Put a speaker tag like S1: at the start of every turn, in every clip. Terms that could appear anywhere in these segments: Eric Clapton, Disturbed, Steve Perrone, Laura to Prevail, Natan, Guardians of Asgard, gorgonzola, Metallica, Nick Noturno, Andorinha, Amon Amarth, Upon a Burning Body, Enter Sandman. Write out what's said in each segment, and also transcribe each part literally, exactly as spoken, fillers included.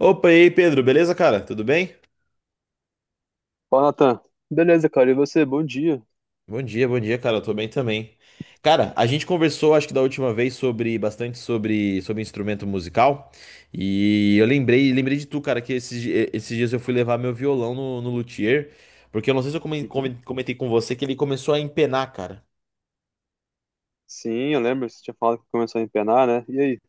S1: Opa, e aí, Pedro, beleza, cara? Tudo bem?
S2: Fala, Natan. Beleza, cara. E você? Bom dia.
S1: Bom dia, bom dia, cara. Eu tô bem também. Cara, a gente conversou, acho que da última vez, sobre bastante sobre, sobre instrumento musical. E eu lembrei, lembrei de tu, cara, que esses, di- esses dias eu fui levar meu violão no, no luthier, porque eu não sei se eu comen-
S2: Uhum.
S1: comen- comentei com você que ele começou a empenar, cara.
S2: Sim, eu lembro. Você tinha falado que começou a empenar, né? E aí?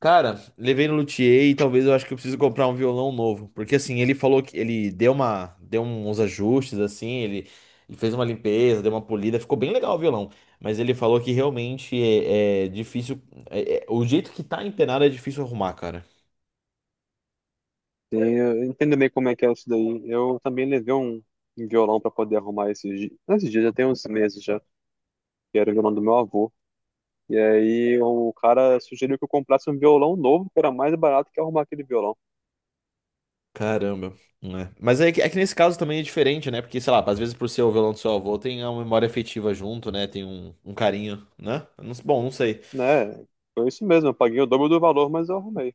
S1: Cara, levei no luthier e talvez eu acho que eu preciso comprar um violão novo. Porque assim, ele falou que ele deu uma, deu uns ajustes assim, ele, ele fez uma limpeza, deu uma polida, ficou bem legal o violão. Mas ele falou que realmente é, é difícil, é- é- o jeito que tá empenado é difícil arrumar, cara.
S2: Sim, eu entendo bem como é que é isso daí. Eu também levei um, um violão pra poder arrumar esses dias. Esses dias já tem uns meses já. Que era o violão do meu avô. E aí o cara sugeriu que eu comprasse um violão novo, que era mais barato que arrumar aquele violão.
S1: Caramba, né? Mas é que, é que nesse caso também é diferente, né? Porque, sei lá, às vezes por ser o violão do seu avô tem uma memória afetiva junto, né? Tem um, um carinho, né? Eu não- Bom, não sei.
S2: Né? Foi isso mesmo. Eu paguei o dobro do valor, mas eu arrumei.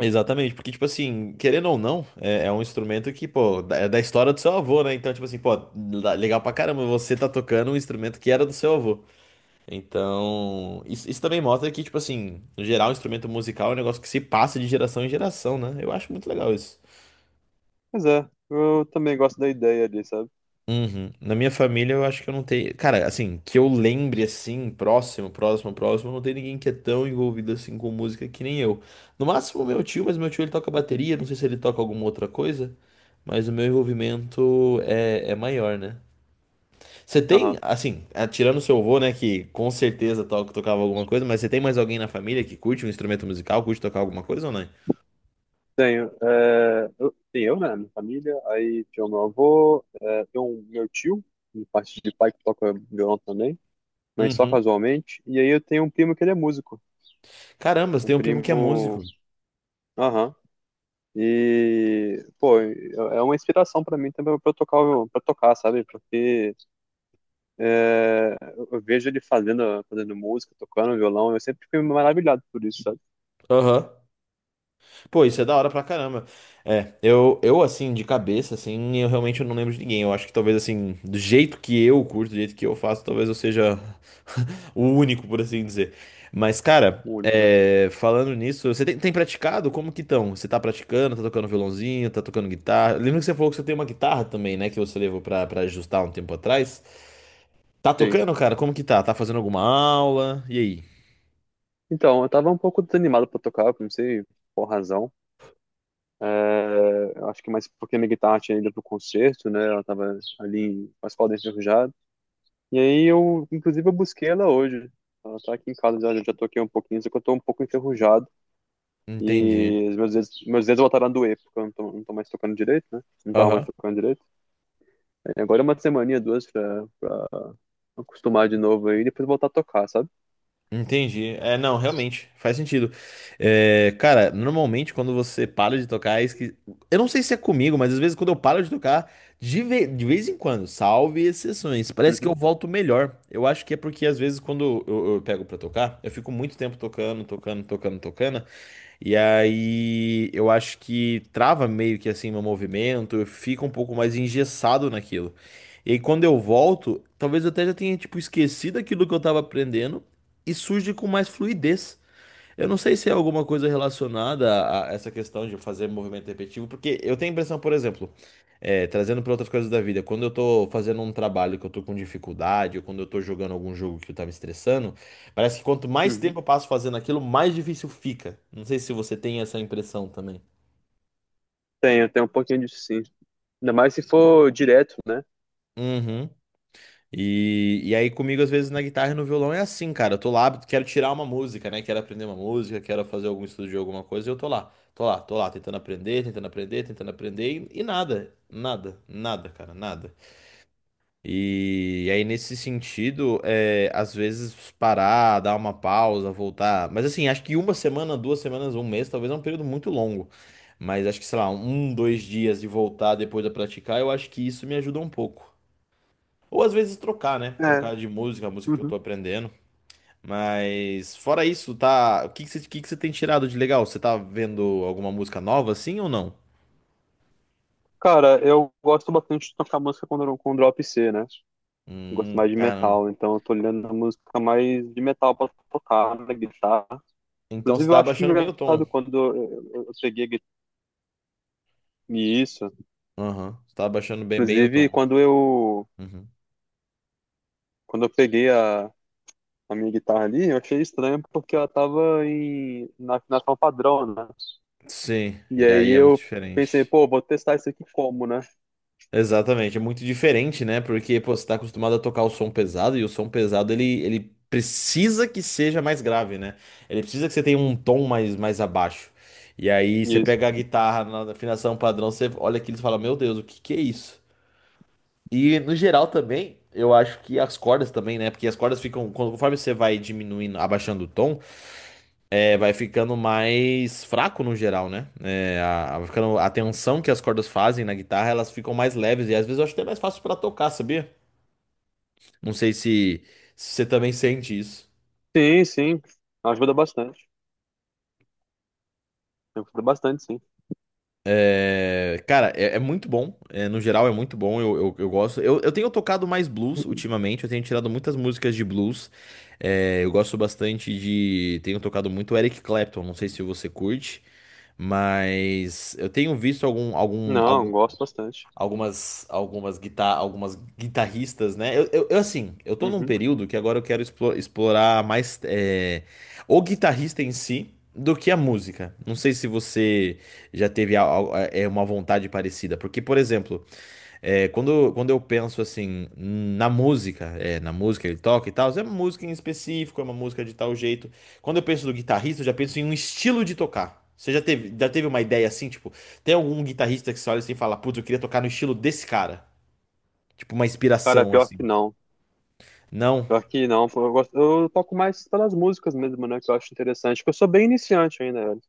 S1: Exatamente, porque, tipo assim, querendo ou não, é, é um instrumento que, pô, da- é da história do seu avô, né? Então, tipo assim, pô, la- legal pra caramba, você tá tocando um instrumento que era do seu avô. Então, isso, isso também mostra que, tipo assim, no geral, um instrumento musical é um negócio que se passa de geração em geração, né? Eu acho muito legal isso.
S2: Pois é. Eu também gosto da ideia ali, sabe?
S1: Uhum. Na minha família, eu acho que eu não tenho. Cara, assim, que eu lembre assim, próximo, próximo, próximo, não tem ninguém que é tão envolvido assim com música que nem eu. No máximo, meu tio, mas meu tio ele toca bateria, não sei se ele toca alguma outra coisa, mas o meu envolvimento é, é maior, né? Você tem, assim, ah, tirando seu avô, né, que com certeza toca, tocava alguma coisa, mas você tem mais alguém na família que curte um instrumento musical, curte tocar alguma coisa ou não?
S2: Tenho. É, eu, tem eu, né? Minha família. Aí tem o meu avô, é, tem um meu tio, de parte de pai, que toca violão também, mas só
S1: Uhum.
S2: casualmente. E aí eu tenho um primo que ele é músico.
S1: Caramba, você
S2: Um
S1: tem um primo que é
S2: primo.
S1: músico.
S2: Aham. E, pô, é é uma inspiração pra mim também pra eu tocar, o- pra tocar, sabe? Porque é, eu eu vejo ele fazendo, fazendo música, tocando violão, eu sempre fico maravilhado por isso, sabe?
S1: Aham. Pô, isso é da hora pra caramba. É, eu, eu assim, de cabeça, assim, eu realmente não lembro de ninguém. Eu acho que talvez, assim, do jeito que eu curto, do jeito que eu faço, talvez eu seja o único, por assim dizer. Mas, cara,
S2: O único, né?
S1: é, falando nisso, você tem, tem praticado? Como que estão? Você tá praticando? Tá tocando violãozinho? Tá tocando guitarra? Lembra que você falou que você tem uma guitarra também, né? Que você levou pra, pra ajustar um tempo atrás. Tá
S2: Sim.
S1: tocando, cara? Como que tá? Tá fazendo alguma aula? E aí?
S2: Então, eu tava um pouco desanimado pra tocar, não sei por razão. É, acho que mais porque minha guitarra tinha ido pro concerto, né? Ela tava ali com as cordas enferrujadas. E aí eu, inclusive, eu busquei ela hoje. Ela tá aqui em casa, já, já toquei um pouquinho, só que eu tô um pouco enferrujado.
S1: Entendi.
S2: E os meus dedos, meus dedos voltaram a doer, porque eu não tô, não tô mais tocando direito, né? Não tava mais
S1: Aham.
S2: tocando direito. Aí agora é uma semaninha, duas, pra, pra acostumar de novo aí e depois voltar a tocar, sabe?
S1: Entendi. É, não, realmente, faz sentido. É, cara, normalmente quando você para de tocar, é esqui... eu não sei se é comigo, mas às vezes quando eu paro de tocar, de, ve- de vez em quando, salve exceções, parece que eu
S2: Uhum,
S1: volto melhor. Eu acho que é porque às vezes quando eu, eu pego pra tocar, eu fico muito tempo tocando, tocando, tocando, tocando. E aí eu acho que trava meio que assim meu movimento, eu fico um pouco mais engessado naquilo. E aí quando eu volto, talvez eu até já tenha tipo esquecido aquilo que eu tava aprendendo e surge com mais fluidez. Eu não sei se é alguma coisa relacionada a a essa questão de fazer movimento repetitivo, porque eu tenho a impressão, por exemplo, é, trazendo para outras coisas da vida, quando eu tô fazendo um trabalho que eu tô com dificuldade, ou quando eu tô jogando algum jogo que tá me estressando, parece que quanto mais
S2: uhum.
S1: tempo eu passo fazendo aquilo, mais difícil fica. Não sei se você tem essa impressão também.
S2: Tenho, tenho um pouquinho disso sim. Ainda mais se for direto, né?
S1: Uhum. E, e aí comigo, às vezes, na guitarra e no violão é assim, cara. Eu tô lá, quero tirar uma música, né? Quero aprender uma música, quero fazer algum estudo de alguma coisa, e eu tô lá. Tô lá, tô lá, tentando aprender, tentando aprender, tentando aprender, e, e nada, nada, nada, cara, nada. E, e aí, nesse sentido, é, às vezes parar, dar uma pausa, voltar. Mas assim, acho que uma semana, duas semanas, um mês, talvez é um período muito longo. Mas acho que, sei lá, um, dois dias de voltar depois a praticar, eu acho que isso me ajuda um pouco. Ou às vezes trocar, né?
S2: É.
S1: Trocar de música, a música que eu tô
S2: Uhum.
S1: aprendendo. Mas fora isso, tá? O que que você, o que que você tem tirado de legal? Você tá vendo alguma música nova assim ou não?
S2: Cara, eu gosto bastante de tocar música com, com drop C, né? Gosto mais
S1: Hum,
S2: de
S1: caramba.
S2: metal, então eu tô olhando a música mais de metal pra tocar na guitarra.
S1: Então você
S2: Inclusive, eu
S1: tá
S2: acho
S1: abaixando bem o
S2: engraçado
S1: tom.
S2: quando eu, eu- eu peguei a gui- e isso.
S1: Aham. Você tá abaixando bem, bem o
S2: Inclusive,
S1: tom.
S2: quando eu,
S1: Uhum.
S2: quando eu peguei a, a minha guitarra ali, eu achei estranho porque ela tava em, na afinação padrão, né?
S1: Sim,
S2: E
S1: e aí
S2: aí
S1: é muito
S2: eu pensei,
S1: diferente.
S2: pô, vou testar isso aqui como, né?
S1: Exatamente, é muito diferente, né? Porque, pô, você tá acostumado a tocar o som pesado e o som pesado ele, ele precisa que seja mais grave, né? Ele precisa que você tenha um tom mais, mais abaixo. E aí você
S2: E
S1: pega a guitarra na afinação padrão, você olha aquilo e fala: Meu Deus, o que que é isso? E no geral também, eu acho que as cordas também, né? Porque as cordas ficam, quando- conforme você vai diminuindo, abaixando o tom é, vai ficando mais fraco no geral, né? É, a, a- vai ficando, a tensão que as cordas fazem na guitarra, elas ficam mais leves e às vezes eu acho até mais fácil pra tocar, sabia? Não sei se, se você também sente isso.
S2: sim, sim. Ajuda bastante. Ajuda bastante, sim.
S1: É, cara, é, é muito bom. É, no geral, é muito bom. Eu, eu, eu gosto. Eu, eu tenho tocado mais blues ultimamente. Eu tenho tirado muitas músicas de blues. É, eu gosto bastante de. Tenho tocado muito Eric Clapton. Não sei se você curte, mas eu tenho visto algum, algum,
S2: Não,
S1: alguns
S2: gosto bastante.
S1: algumas algumas guitar algumas guitarristas, né? Eu, eu, eu, assim, eu tô num
S2: Uhum.
S1: período que agora eu quero explo- explorar mais é, o guitarrista em si do que a música. Não sei se você já teve a- a- é uma vontade parecida, porque, por exemplo, é, quando, quando eu penso assim na música, é, na música ele toca e tal, é uma música em específico, é uma música de tal jeito. Quando eu penso do guitarrista, eu já penso em um estilo de tocar. Você já teve, já teve uma ideia assim, tipo, tem algum guitarrista que você olha assim e fala, putz, eu queria tocar no estilo desse cara? Tipo, uma
S2: Cara,
S1: inspiração
S2: pior
S1: assim.
S2: que não.
S1: Não?
S2: Pior que não. Pô, eu gosto, eu toco mais pelas músicas mesmo, né? Que eu acho interessante. Porque eu sou bem iniciante ainda, velho.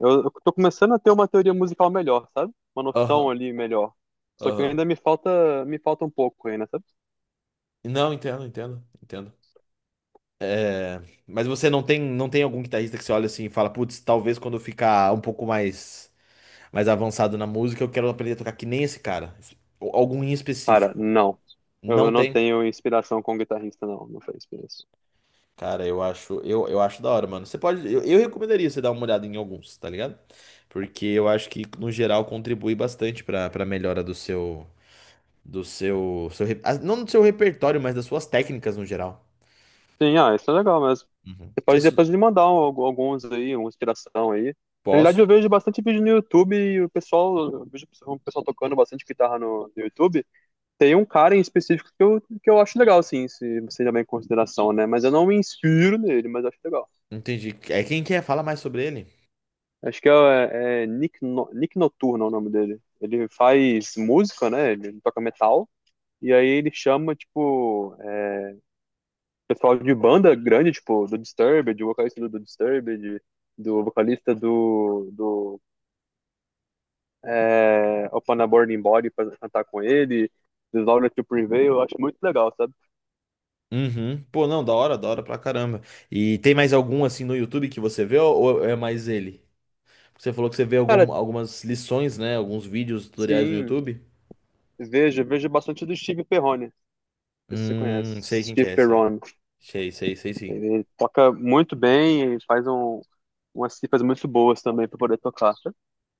S2: Eu, eu tô começando a ter uma teoria musical melhor, sabe? Uma noção
S1: Aham,
S2: ali melhor. Só que
S1: aham.
S2: ainda me falta, me falta um pouco ainda, sabe?
S1: Não, entendo, entendo, entendo. É, mas você não tem, não tem algum guitarrista que você olha assim e fala, putz, talvez quando eu ficar um pouco mais mais avançado na música, eu quero aprender a tocar que nem esse cara. Ou Algum em
S2: Cara,
S1: específico.
S2: não.
S1: Não
S2: Eu não
S1: tem.
S2: tenho inspiração com guitarrista, não. Não foi inspiração.
S1: Cara, eu acho, eu, eu acho da hora, mano. Você pode, eu, eu recomendaria você dar uma olhada em alguns, tá ligado? Porque eu acho que no geral contribui bastante pra para melhora do seu do seu, seu re- ah, não do seu repertório, mas das suas técnicas no geral.
S2: Sim, ah, isso é legal mesmo.
S1: Uhum.
S2: Você pode
S1: Isso,
S2: depois me mandar um- algu- alguns aí, uma inspiração aí. Na realidade,
S1: posso?
S2: eu vejo bastante vídeo no YouTube e o pessoal, eu vejo o pessoal tocando bastante guitarra no, no YouTube. Tem um cara em específico que eu, que eu acho legal, assim se você levar em consideração, né? Mas eu não me inspiro nele, mas acho legal.
S1: Entendi. É quem quer fala mais sobre ele?
S2: Acho que é, é Nick, no, Nick Noturno é o nome dele. Ele faz música, né? Ele toca metal. E aí ele chama, tipo, é, pessoal de banda grande, tipo, do Disturbed, o vocalista do, do Disturbed, do vocalista do, do é, Upon a Burning Body pra cantar com ele, do Laura to Prevail, eu acho muito legal, sabe?
S1: Uhum. Pô, não, da hora, da hora pra caramba. E tem mais algum assim no YouTube que você vê ou ou é mais ele? Você falou que você vê
S2: Cara,
S1: algum- algumas lições, né? Alguns vídeos, tutoriais no
S2: sim,
S1: YouTube.
S2: vejo, vejo bastante do Steve Perrone, não sei se você conhece,
S1: Hum, sei quem que
S2: Steve
S1: é, sei.
S2: Perrone.
S1: Sei, sei, sei sim.
S2: Ele toca muito bem, faz um, umas cifras muito boas também pra poder tocar.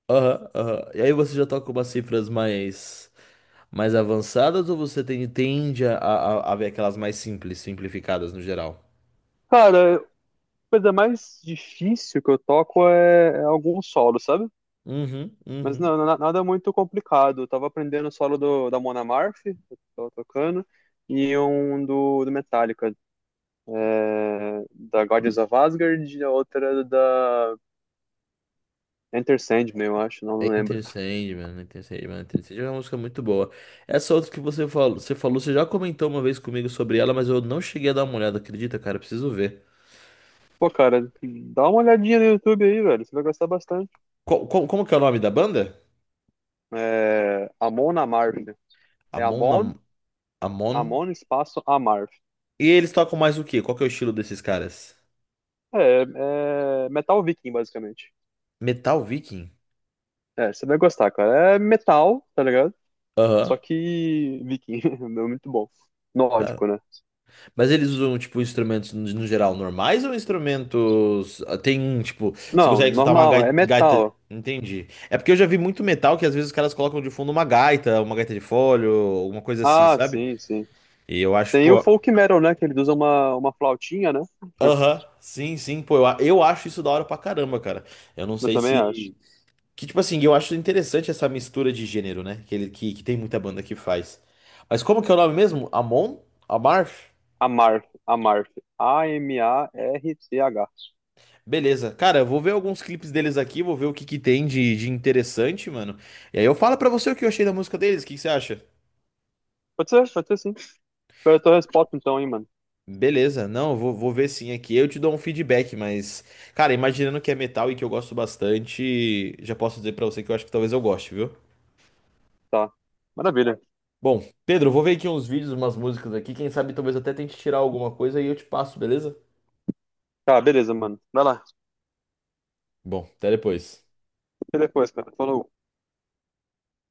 S1: Aham, aham. E aí você já toca umas cifras mais, mais avançadas ou você tem- tende a, a, a ver aquelas mais simples, simplificadas no geral?
S2: Cara, a coisa mais difícil que eu toco é, é algum solo, sabe?
S1: Uhum,
S2: Mas
S1: uhum.
S2: não, na- nada muito complicado. Eu tava aprendendo o solo do, da Mon Amarth, que eu tava tocando, e um do, do Metallica, é, da Guardians of Asgard, e a outra da Enter Sandman, eu acho, não, não lembro.
S1: Enter Sandman, Enter Sandman, Enter Sandman é uma música muito boa. Essa outra que você falou, você falou, você já comentou uma vez comigo sobre ela, mas eu não cheguei a dar uma olhada, acredita, cara? Eu Preciso ver.
S2: Pô, cara, dá uma olhadinha no YouTube aí, velho, você vai gostar bastante.
S1: Co- co- como que é o nome da banda?
S2: É, Amon Amarth. É Amon,
S1: Amon Amon.
S2: Amon espaço Amarth.
S1: E eles tocam mais o quê? Qual que é o estilo desses caras?
S2: É, é metal viking, basicamente.
S1: Metal Viking?
S2: É, você vai gostar, cara. É metal, tá ligado? Só
S1: Aham.
S2: que viking, é muito bom. Nórdico, né?
S1: Mas eles usam, tipo, instrumentos no no geral normais ou instrumentos. Ah, Tem, um, tipo, você
S2: Não,
S1: consegue soltar uma
S2: normal, é
S1: gai- gaita.
S2: metal.
S1: Entendi. É porque eu já vi muito metal que às vezes os caras colocam de fundo uma gaita, uma gaita de fole, ou alguma coisa assim,
S2: Ah,
S1: sabe?
S2: sim, sim.
S1: E eu acho,
S2: Tem o
S1: pô.
S2: folk metal, né? Que eles usam uma, uma flautinha, né?
S1: Aham, sim, sim, pô. Eu, a- eu acho isso da hora pra caramba, cara. Eu não
S2: Eu
S1: sei
S2: também acho.
S1: se. Que, tipo assim, eu acho interessante essa mistura de gênero, né? Que, ele, que, que tem muita banda que faz. Mas como que é o nome mesmo? Amon? Amarth?
S2: Amarth, Amarth. A M A R C H.
S1: Beleza. Cara, eu vou ver alguns clipes deles aqui, vou ver o que que tem de, de interessante, mano. E aí eu falo pra você o que eu achei da música deles, o que que você acha?
S2: Pode ser, pode ser sim. Espero a tua resposta então, hein, mano.
S1: Beleza, não, eu vou, vou ver sim aqui. Eu te dou um feedback, mas, cara, imaginando que é metal e que eu gosto bastante, já posso dizer pra você que eu acho que talvez eu goste, viu?
S2: Tá. Maravilha.
S1: Bom, Pedro, eu vou ver aqui uns vídeos, umas músicas aqui. Quem sabe talvez eu até tente tirar alguma coisa e eu te passo, beleza?
S2: Tá, beleza, mano. Vai lá.
S1: Bom, até depois.
S2: Escuta depois, cara. Falou.